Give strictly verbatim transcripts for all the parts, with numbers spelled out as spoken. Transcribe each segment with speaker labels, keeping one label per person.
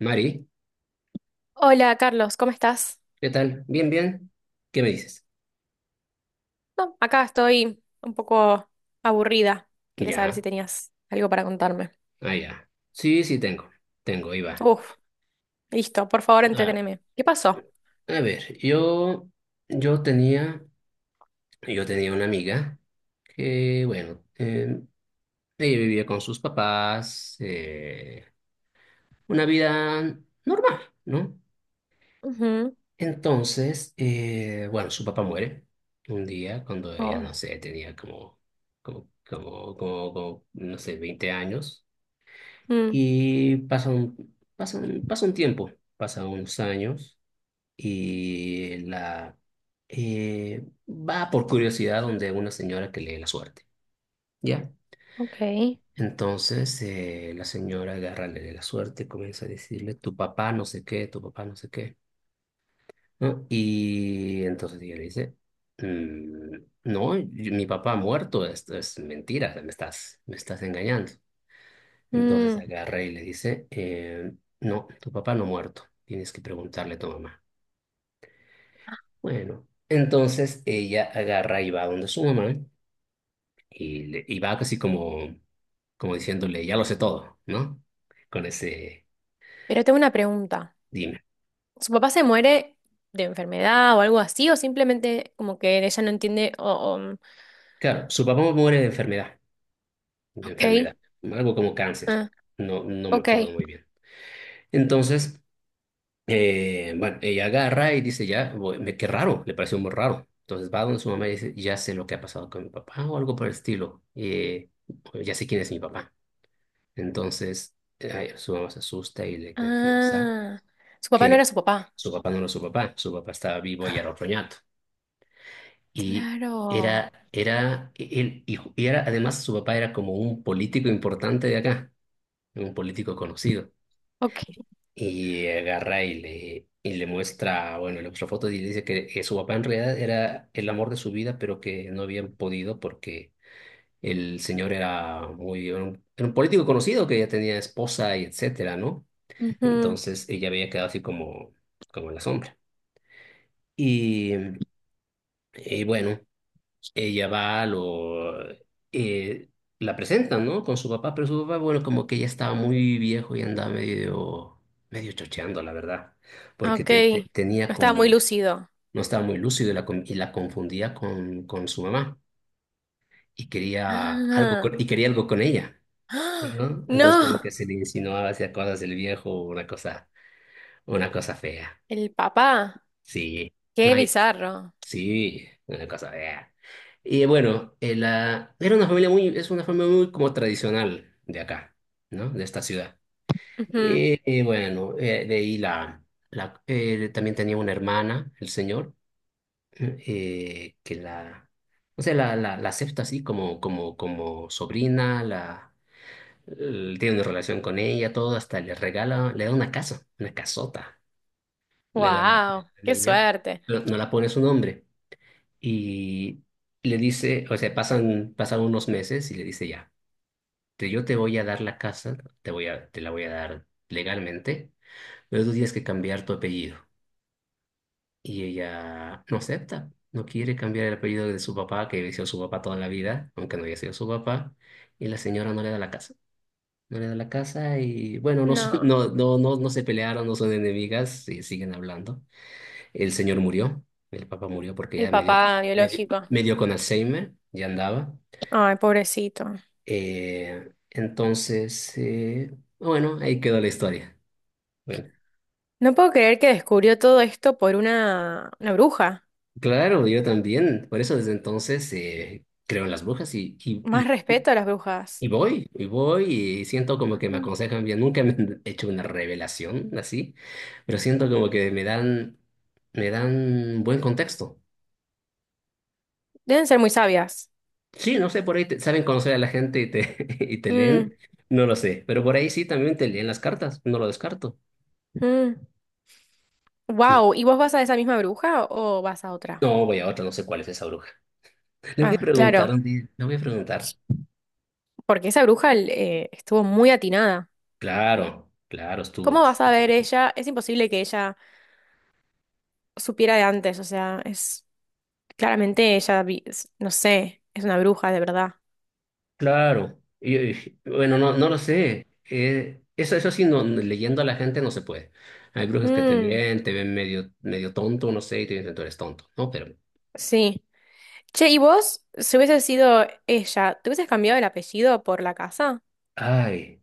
Speaker 1: Mari,
Speaker 2: Hola Carlos, ¿cómo estás?
Speaker 1: ¿qué tal? ¿Bien, bien? ¿Qué me dices?
Speaker 2: No, acá estoy un poco aburrida. Quería saber si
Speaker 1: Ya,
Speaker 2: tenías algo para contarme.
Speaker 1: ah, ya. Sí, sí, tengo, tengo, ahí va.
Speaker 2: Uf, listo, por favor,
Speaker 1: Ah,
Speaker 2: entreteneme. ¿Qué pasó?
Speaker 1: a ver, yo, yo tenía, yo tenía una amiga que, bueno, eh, ella vivía con sus papás, eh, una vida normal, ¿no?
Speaker 2: Ujú.
Speaker 1: Entonces, eh, bueno, su papá muere un día cuando ella,
Speaker 2: Oh.
Speaker 1: no sé, tenía como, como, como, como, como, no sé, veinte años.
Speaker 2: Mm.
Speaker 1: Y pasa un, pasa un, pasa un tiempo, pasa unos años y la eh, va por curiosidad donde una señora que lee la suerte, ¿ya?
Speaker 2: Ok.
Speaker 1: Entonces eh, la señora agarra, le lee la suerte, comienza a decirle, tu papá no sé qué, tu papá no sé qué, ¿no? Y entonces ella le dice, "Mm, no, yo- mi papá ha muerto, esto es mentira, me estás, me estás engañando. Entonces
Speaker 2: Mm.
Speaker 1: agarra y le dice, eh, no, tu papá no ha muerto, tienes que preguntarle a tu mamá. Bueno, entonces ella agarra y va donde su mamá y, le- y va casi como, como diciéndole, ya lo sé todo, ¿no? Con ese,
Speaker 2: Pero tengo una pregunta.
Speaker 1: dime.
Speaker 2: ¿Su papá se muere de enfermedad o algo así? ¿O simplemente como que ella no entiende? O, o, mm.
Speaker 1: Claro, su papá muere de enfermedad, de
Speaker 2: Ok.
Speaker 1: enfermedad, algo como cáncer,
Speaker 2: Ah.
Speaker 1: no, no me
Speaker 2: Ok.
Speaker 1: acuerdo muy bien. Entonces Eh, bueno, ella agarra y dice, ya, voy- me, qué raro, le pareció muy raro. Entonces va donde su mamá y dice, ya sé lo que ha pasado con mi papá o algo por el estilo. Eh, "Bueno, ya sé quién es mi papá. Entonces eh, su mamá se asusta y le confiesa
Speaker 2: Ah, su papá no
Speaker 1: que
Speaker 2: era su papá.
Speaker 1: su papá no era su papá, su papá estaba vivo y era otro ñato. Y era,
Speaker 2: Claro.
Speaker 1: era, él, y y era, además su papá era como un político importante de acá, un político conocido.
Speaker 2: Ok.
Speaker 1: Y agarra y le, y le muestra, bueno, le muestra fotos y le dice que, que su papá en realidad era el amor de su vida, pero que no habían podido porque el señor era muy, era un, era un político conocido que ya tenía esposa y etcétera, ¿no?
Speaker 2: Ujú.
Speaker 1: Entonces ella había quedado así como, como en la sombra. Y, y bueno, ella va, lo, eh, la presentan, ¿no? Con su papá, pero su papá, bueno, como que ya estaba muy viejo y andaba medio, medio chocheando, la verdad, porque
Speaker 2: Ok.
Speaker 1: te- te- tenía
Speaker 2: No estaba muy
Speaker 1: como,
Speaker 2: lúcido.
Speaker 1: no estaba muy lúcido y la, con- y la confundía con, con su mamá y quería algo
Speaker 2: Ah,
Speaker 1: con, y quería algo con ella,
Speaker 2: ¡ah!
Speaker 1: ¿no? Entonces como que
Speaker 2: No,
Speaker 1: se le insinuaba hacia cosas del viejo, una cosa, una cosa fea,
Speaker 2: el papá,
Speaker 1: sí. No.
Speaker 2: qué bizarro.
Speaker 1: Sí, una cosa vea. Y bueno, eh, la, era una familia muy, es una familia muy como tradicional de acá, ¿no? De esta ciudad. Y, y bueno, eh, de ahí la, la eh, también tenía una hermana, el señor, eh, que la, o sea, la, la, la acepta así como, como, como sobrina, la, l- tiene una relación con ella, todo, hasta le regala, le da una casa, una casota, le da la, la
Speaker 2: Wow, qué
Speaker 1: niña,
Speaker 2: suerte.
Speaker 1: no no la pone su nombre. Y le dice, o sea, pasan, pasan unos meses y le dice ya, te- yo te voy a dar la casa, te voy a, te la voy a dar legalmente, pero tú tienes que cambiar tu apellido. Y ella no acepta, no quiere cambiar el apellido de su papá, que había sido su papá toda la vida, aunque no haya sido su papá, y la señora no le da la casa. No le da la casa y bueno, no, son-
Speaker 2: No,
Speaker 1: no, no, no, no se pelearon, no son enemigas, y siguen hablando. El señor murió, el papá murió porque
Speaker 2: el
Speaker 1: ya medio,
Speaker 2: papá
Speaker 1: medio,
Speaker 2: biológico.
Speaker 1: medio con Alzheimer, ya andaba.
Speaker 2: Ay, pobrecito.
Speaker 1: Eh, entonces, eh, bueno, ahí quedó la historia. Bueno,
Speaker 2: No puedo creer que descubrió todo esto por una, una bruja.
Speaker 1: claro, yo también. Por eso desde entonces eh, creo en las brujas y, y,
Speaker 2: Más
Speaker 1: y,
Speaker 2: respeto a las brujas.
Speaker 1: y voy, y voy, y siento como que me
Speaker 2: Mm.
Speaker 1: aconsejan bien. Nunca me han hecho una revelación así, pero siento como que me dan, me dan buen contexto.
Speaker 2: Deben ser muy sabias.
Speaker 1: Sí, no sé, por ahí te- saben conocer a la gente y te, y te
Speaker 2: Mm.
Speaker 1: leen, no lo sé, pero por ahí sí también te leen las cartas, no lo descarto.
Speaker 2: Mm. Wow, ¿y vos vas a esa misma bruja o vas a otra?
Speaker 1: No, voy a otra, no sé cuál es esa bruja. Le voy a
Speaker 2: Ah,
Speaker 1: preguntar
Speaker 2: claro,
Speaker 1: un día, le voy a preguntar.
Speaker 2: porque esa bruja eh, estuvo muy atinada.
Speaker 1: Claro, claro, estuvo.
Speaker 2: ¿Cómo vas a ver ella? Es imposible que ella supiera de antes, o sea, es claramente ella, vi- es- no sé, es una bruja de verdad.
Speaker 1: Claro. Y, y, bueno, no, no lo sé. Eh, eso, eso sí, no, no, leyendo a la gente no se puede. Hay brujas que te
Speaker 2: Mm,
Speaker 1: leen, te ven medio, medio tonto, no sé, y te dicen tú eres tonto, ¿no? Pero,
Speaker 2: sí. Che, ¿y vos, si hubiese sido ella, te hubieses cambiado el apellido por la casa?
Speaker 1: ay,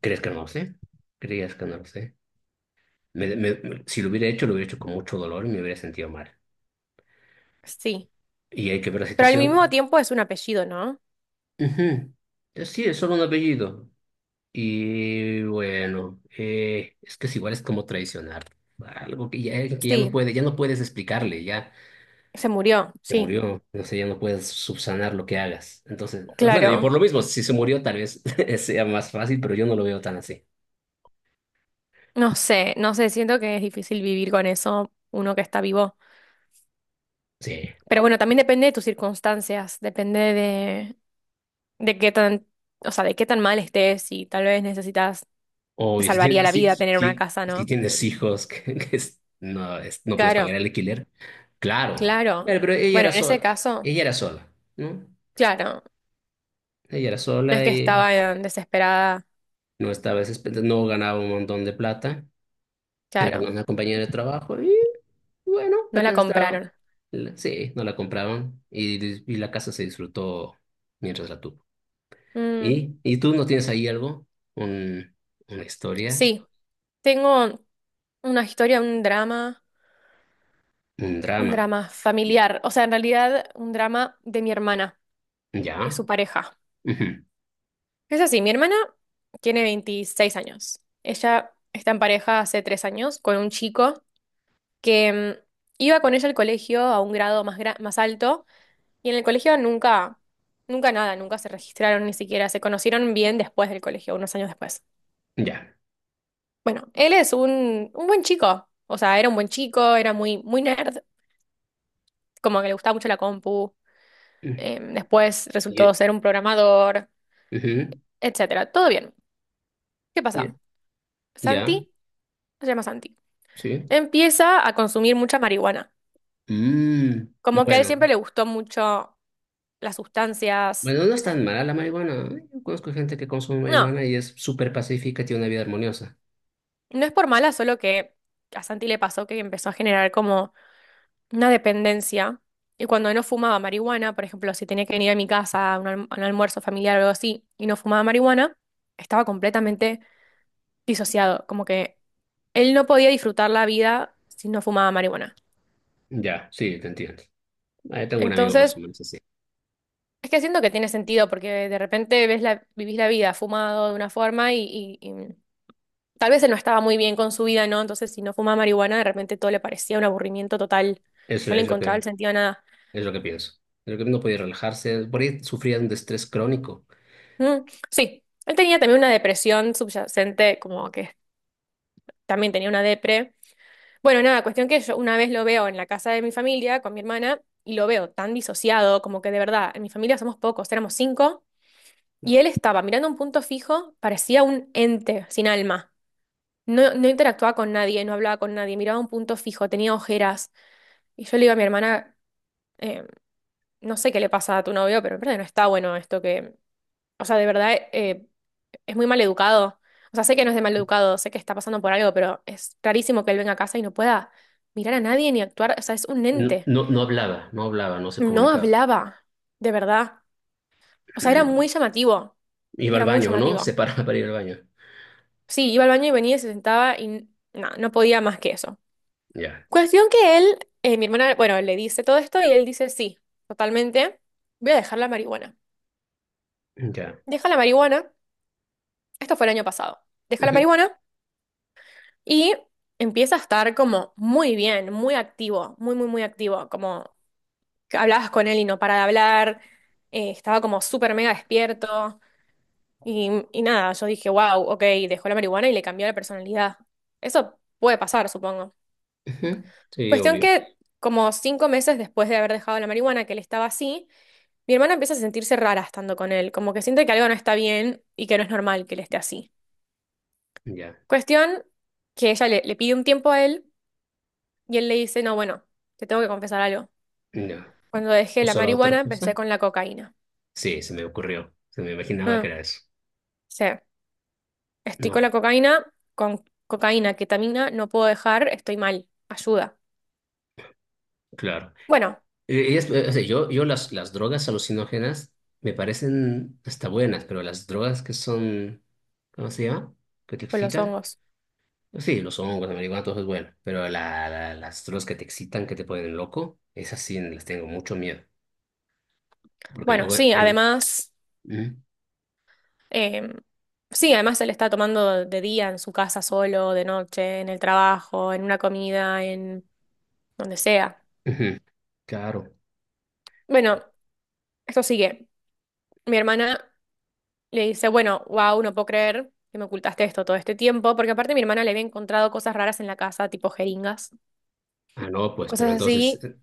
Speaker 1: ¿crees que no lo sé? ¿Creías que no lo sé? Me- me- me- si lo hubiera hecho, lo hubiera hecho con mucho dolor y me hubiera sentido mal.
Speaker 2: Sí.
Speaker 1: Y hay que ver la
Speaker 2: Pero al mismo
Speaker 1: situación.
Speaker 2: tiempo es un apellido, ¿no?
Speaker 1: Ujú. Eh, Sí, es solo un apellido. Y bueno, eh, es que es igual es como traicionar algo que ya, que ya no
Speaker 2: Sí,
Speaker 1: puede, ya no puedes explicarle, ya
Speaker 2: se murió,
Speaker 1: se
Speaker 2: sí.
Speaker 1: murió, no sé, ya no puedes subsanar lo que hagas. Entonces, bueno, y
Speaker 2: Claro.
Speaker 1: por lo mismo, si se murió, tal vez sea más fácil, pero yo no lo veo tan así.
Speaker 2: No sé, no sé, siento que es difícil vivir con eso, uno que está vivo.
Speaker 1: Sí,
Speaker 2: Pero bueno, también depende de tus circunstancias, depende de, de qué tan, o sea, de qué tan mal estés y tal vez necesitas te
Speaker 1: obvio, si
Speaker 2: salvaría
Speaker 1: tienes,
Speaker 2: la
Speaker 1: si,
Speaker 2: vida
Speaker 1: si,
Speaker 2: tener una
Speaker 1: si
Speaker 2: casa,
Speaker 1: si
Speaker 2: ¿no?
Speaker 1: tienes hijos que, que es- no, es- no puedes pagar
Speaker 2: Claro,
Speaker 1: el alquiler, claro,
Speaker 2: claro.
Speaker 1: pero, pero ella
Speaker 2: Bueno,
Speaker 1: era
Speaker 2: en ese
Speaker 1: sola,
Speaker 2: caso,
Speaker 1: ella era sola, ¿no?
Speaker 2: claro,
Speaker 1: Ella era
Speaker 2: no es
Speaker 1: sola
Speaker 2: que
Speaker 1: y
Speaker 2: estaba eh, desesperada,
Speaker 1: no estaba, desesper- no ganaba un montón de plata. Era
Speaker 2: claro,
Speaker 1: una compañera de trabajo y bueno,
Speaker 2: no
Speaker 1: la
Speaker 2: la
Speaker 1: casa estaba...
Speaker 2: compraron.
Speaker 1: la- Sí, no la compraban y, dis- y la casa se disfrutó mientras la tuvo.
Speaker 2: Mm,
Speaker 1: ¿Y, y tú no tienes ahí algo? Un, una historia,
Speaker 2: sí, tengo una historia, un drama,
Speaker 1: un
Speaker 2: un
Speaker 1: drama.
Speaker 2: drama familiar, o sea, en realidad un drama de mi hermana y
Speaker 1: ¿Ya?
Speaker 2: su pareja.
Speaker 1: Ujú,
Speaker 2: Es así, mi hermana tiene veintiséis años. Ella está en pareja hace tres años con un chico que mm, iba con ella al colegio a un grado más, gra- más alto. Y en el colegio nunca, nunca nada, nunca se registraron ni siquiera, se conocieron bien después del colegio, unos años después.
Speaker 1: ya.
Speaker 2: Bueno, él es un, un buen chico, o sea, era un buen chico, era muy, muy nerd, como que le gustaba mucho la compu,
Speaker 1: Mm,
Speaker 2: eh, después
Speaker 1: ye-
Speaker 2: resultó ser un programador,
Speaker 1: ujú,
Speaker 2: etcétera. Todo bien. ¿Qué
Speaker 1: ye-
Speaker 2: pasa?
Speaker 1: ¿ya?
Speaker 2: Santi, se llama Santi,
Speaker 1: Sí.
Speaker 2: empieza a consumir mucha marihuana.
Speaker 1: Mm,
Speaker 2: Como que a él
Speaker 1: bueno,
Speaker 2: siempre le gustó mucho las sustancias.
Speaker 1: bueno, no es tan mala la marihuana. Yo conozco gente que consume
Speaker 2: No,
Speaker 1: marihuana y es súper pacífica, tiene una vida armoniosa.
Speaker 2: no es por mala, solo que a Santi le pasó que empezó a generar como una dependencia. Y cuando no fumaba marihuana, por ejemplo, si tenía que venir a mi casa a un, alm- a un almuerzo familiar o algo así, y no fumaba marihuana, estaba completamente disociado. Como que él no podía disfrutar la vida si no fumaba marihuana.
Speaker 1: Ya, sí, te entiendo. Ahí tengo un amigo más
Speaker 2: Entonces,
Speaker 1: o menos.
Speaker 2: es que siento que tiene sentido, porque de repente ves la, vivís la vida fumado de una forma y, y- y tal vez él no estaba muy bien con su vida, ¿no? Entonces, si no fumaba marihuana, de repente todo le parecía un aburrimiento total.
Speaker 1: Eso
Speaker 2: No le
Speaker 1: es lo
Speaker 2: encontraba el
Speaker 1: que,
Speaker 2: sentido a nada.
Speaker 1: es lo que pienso. Creo que no podía relajarse. Por ahí sufría de un estrés crónico.
Speaker 2: Mm, sí, él tenía también una depresión subyacente, como que también tenía una depre. Bueno, nada, cuestión que yo una vez lo veo en la casa de mi familia con mi hermana y lo veo tan disociado, como que de verdad, en mi familia somos pocos, éramos cinco, y él estaba mirando un punto fijo, parecía un ente sin alma. No, no interactuaba con nadie, no hablaba con nadie, miraba un punto fijo, tenía ojeras. Y yo le digo a mi hermana, eh, no sé qué le pasa a tu novio, pero en verdad no está bueno esto que, o sea, de verdad, eh, es muy mal educado. O sea, sé que no es de mal educado, sé que está pasando por algo, pero es rarísimo que él venga a casa y no pueda mirar a nadie ni actuar. O sea, es un
Speaker 1: No,
Speaker 2: ente.
Speaker 1: no, no hablaba, no hablaba, no se
Speaker 2: No
Speaker 1: comunicaba.
Speaker 2: hablaba, de verdad. O sea, era muy llamativo.
Speaker 1: Iba al
Speaker 2: Era muy
Speaker 1: baño, ¿no? Se
Speaker 2: llamativo.
Speaker 1: paraba para ir al baño.
Speaker 2: Sí, iba al baño y venía y se sentaba y n- no, no podía más que eso.
Speaker 1: Ya,
Speaker 2: Cuestión que él, eh, mi hermana, bueno, le dice todo esto y él dice, sí, totalmente, voy a dejar la marihuana.
Speaker 1: ya.
Speaker 2: Deja la marihuana, esto fue el año pasado. Deja la
Speaker 1: Ujú,
Speaker 2: marihuana. Y empieza a estar como muy bien, muy activo, muy, muy, muy activo, como que hablabas con él y no para de hablar, eh, estaba como súper mega despierto y, y nada, yo dije, wow, ok, dejó la marihuana y le cambió la personalidad. Eso puede pasar, supongo.
Speaker 1: ujú. Sí,
Speaker 2: Cuestión
Speaker 1: obvio.
Speaker 2: que como cinco meses después de haber dejado la marihuana, que él estaba así, mi hermana empieza a sentirse rara estando con él, como que siente que algo no está bien y que no es normal que él esté así.
Speaker 1: Ya,
Speaker 2: Cuestión que ella le, le pide un tiempo a él. Y él le dice, no, bueno, te tengo que confesar algo.
Speaker 1: ya.
Speaker 2: Cuando dejé la
Speaker 1: ¿Usaba otra
Speaker 2: marihuana, empecé
Speaker 1: cosa?
Speaker 2: con la cocaína.
Speaker 1: Sí, se me ocurrió. Se me imaginaba que
Speaker 2: Ah, o
Speaker 1: era eso.
Speaker 2: sea, estoy con la
Speaker 1: No,
Speaker 2: cocaína, con cocaína, ketamina, no puedo dejar, estoy mal. Ayuda.
Speaker 1: claro.
Speaker 2: Bueno,
Speaker 1: Eh, es- eh, o sea, yo, yo las, las drogas alucinógenas me parecen hasta buenas, pero las drogas que son, ¿cómo se llama? Que te
Speaker 2: tipo los
Speaker 1: excitan.
Speaker 2: hongos.
Speaker 1: Sí, los hongos, la marihuana, todo eso es bueno, pero la, la- las drogas que te excitan, que te ponen loco, esas sí les tengo mucho miedo, porque
Speaker 2: Bueno,
Speaker 1: luego
Speaker 2: sí,
Speaker 1: en...
Speaker 2: además,
Speaker 1: ¿Mm?
Speaker 2: em, sí, además él está tomando de día en su casa solo, de noche, en el trabajo, en una comida, en donde sea.
Speaker 1: Ujú. Claro.
Speaker 2: Bueno, esto sigue. Mi hermana Le dice, bueno, wow, no puedo creer que me ocultaste esto todo este tiempo, porque aparte mi hermana le había encontrado cosas raras en la casa, tipo jeringas,
Speaker 1: Ah, no, pues, pero
Speaker 2: cosas
Speaker 1: entonces,
Speaker 2: así.
Speaker 1: eh,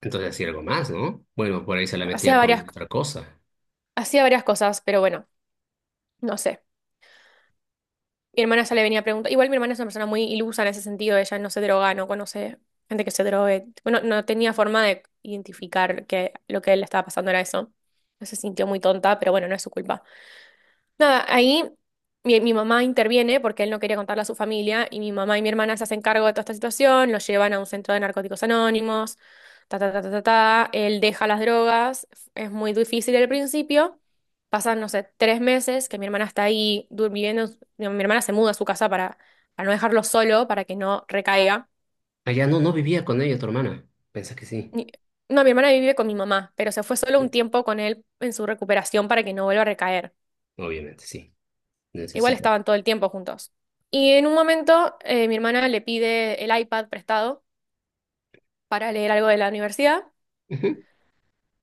Speaker 1: entonces hacía algo más, ¿no? Bueno, por ahí se la
Speaker 2: Hacía
Speaker 1: metía con
Speaker 2: varias,
Speaker 1: otra cosa.
Speaker 2: hacía varias cosas, pero bueno, no sé. Mi hermana ya le venía a preguntar. Igual mi hermana es una persona muy ilusa en ese sentido, ella no se droga, no conoce gente que se drogue. Bueno, no tenía forma de identificar que lo que le estaba pasando era eso. No se sintió muy tonta, pero bueno, no es su culpa. Nada, ahí mi, mi mamá interviene porque él no quería contarle a su familia y mi mamá y mi hermana se hacen cargo de toda esta situación, lo llevan a un centro de narcóticos anónimos, ta, ta, ta, ta, ta, ta, él deja las drogas, es muy difícil al principio, pasan, no sé, tres meses que mi hermana está ahí durmiendo, mi hermana se muda a su casa para, para no dejarlo solo, para que no recaiga.
Speaker 1: Allá no, no vivía con ella, tu hermana. Pensé que sí.
Speaker 2: Ni- No, mi hermana vive con mi mamá, pero se fue solo un
Speaker 1: Sí.
Speaker 2: tiempo con él en su recuperación para que no vuelva a recaer.
Speaker 1: Obviamente, sí,
Speaker 2: Igual
Speaker 1: necesita.
Speaker 2: estaban todo el tiempo juntos. Y en un momento eh, mi hermana le pide el iPad prestado para leer algo de la universidad
Speaker 1: Ujú.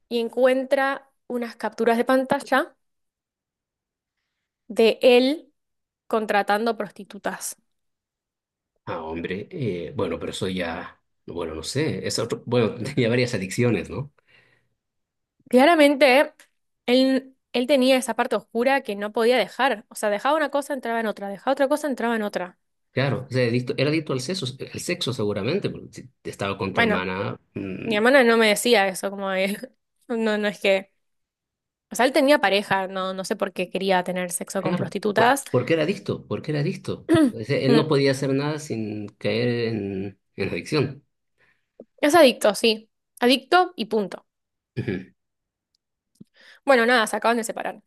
Speaker 2: y encuentra unas capturas de pantalla de él contratando prostitutas.
Speaker 1: Ah, hombre, eh, bueno, pero eso ya, bueno, no sé, es otro, bueno, tenía varias adicciones, ¿no?
Speaker 2: Claramente, él, él tenía esa parte oscura que no podía dejar. O sea, dejaba una cosa, entraba en otra, dejaba otra cosa, entraba en otra.
Speaker 1: Claro, o sea, adicto- era adicto al sexo, al sexo, seguramente, porque si estaba con tu
Speaker 2: Bueno,
Speaker 1: hermana.
Speaker 2: mi
Speaker 1: Mm,
Speaker 2: hermana no me decía eso, como de- no, no es que. O sea, él tenía pareja, no, no sé por qué quería tener sexo con
Speaker 1: claro, ¿por,
Speaker 2: prostitutas.
Speaker 1: por qué era adicto? ¿Por qué era adicto? O sea, él no
Speaker 2: Mm.
Speaker 1: podía hacer nada sin caer en, en adicción.
Speaker 2: Es adicto, sí. Adicto y punto.
Speaker 1: Ujú,
Speaker 2: Bueno, nada, se acaban de separar.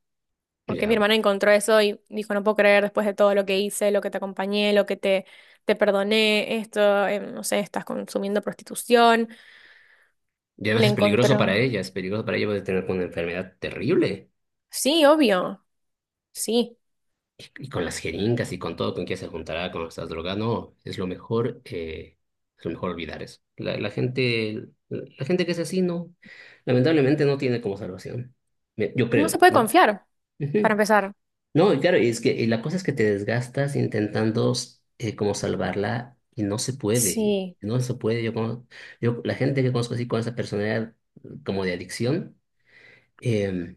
Speaker 1: ya,
Speaker 2: Porque mi
Speaker 1: bueno.
Speaker 2: hermana encontró eso y dijo, no puedo creer después de todo lo que hice, lo que te acompañé, lo que te, te perdoné, esto, eh, no sé, estás consumiendo prostitución.
Speaker 1: Y además
Speaker 2: Le
Speaker 1: es peligroso
Speaker 2: encontró.
Speaker 1: para ella, es peligroso para ella, puede tener una enfermedad terrible.
Speaker 2: Sí, obvio. Sí.
Speaker 1: Y, y con las jeringas y con todo con que se juntará con estas drogas, no, es lo mejor, eh, es lo mejor olvidar eso. La, la gente, la gente que es así, no, lamentablemente no tiene como salvación. Me- Yo
Speaker 2: No se
Speaker 1: creo,
Speaker 2: puede
Speaker 1: ¿no?
Speaker 2: confiar, para
Speaker 1: Ujú.
Speaker 2: empezar.
Speaker 1: No, y claro, y es que y la cosa es que te desgastas intentando eh, como salvarla y no se puede,
Speaker 2: Sí.
Speaker 1: no se puede. Yo, como, yo la gente que conozco así con esa personalidad como de adicción, em,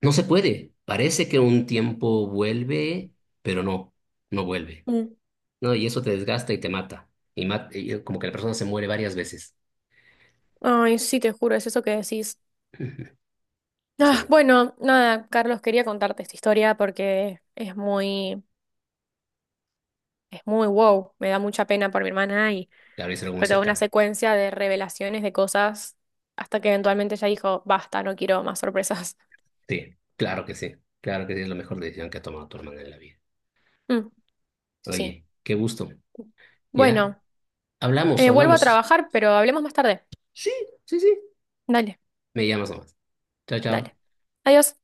Speaker 1: no se puede. Parece que un tiempo vuelve, pero no, no vuelve.
Speaker 2: Mm.
Speaker 1: No, y eso te desgasta y te mata. Y, mat- y como que la persona se muere varias veces.
Speaker 2: Ay, sí, te juro, es eso que decís.
Speaker 1: Ujú.
Speaker 2: Ah,
Speaker 1: Sí,
Speaker 2: bueno, nada, Carlos, quería contarte esta historia porque es muy, es muy wow. Me da mucha pena por mi hermana.
Speaker 1: claro, es algo muy
Speaker 2: Fue toda una
Speaker 1: cercano.
Speaker 2: secuencia de revelaciones de cosas hasta que eventualmente ella dijo, basta, no quiero más sorpresas.
Speaker 1: Sí, claro que sí. Claro que sí, es la mejor decisión que ha tomado tu hermana en la vida.
Speaker 2: Mm, sí.
Speaker 1: Oye, qué gusto. ¿Ya?
Speaker 2: Bueno,
Speaker 1: Hablamos,
Speaker 2: eh, vuelvo a
Speaker 1: hablamos.
Speaker 2: trabajar, pero hablemos más tarde.
Speaker 1: Sí, sí, sí.
Speaker 2: Dale,
Speaker 1: Me llamas nomás. Chao, chao.
Speaker 2: dale. Adiós.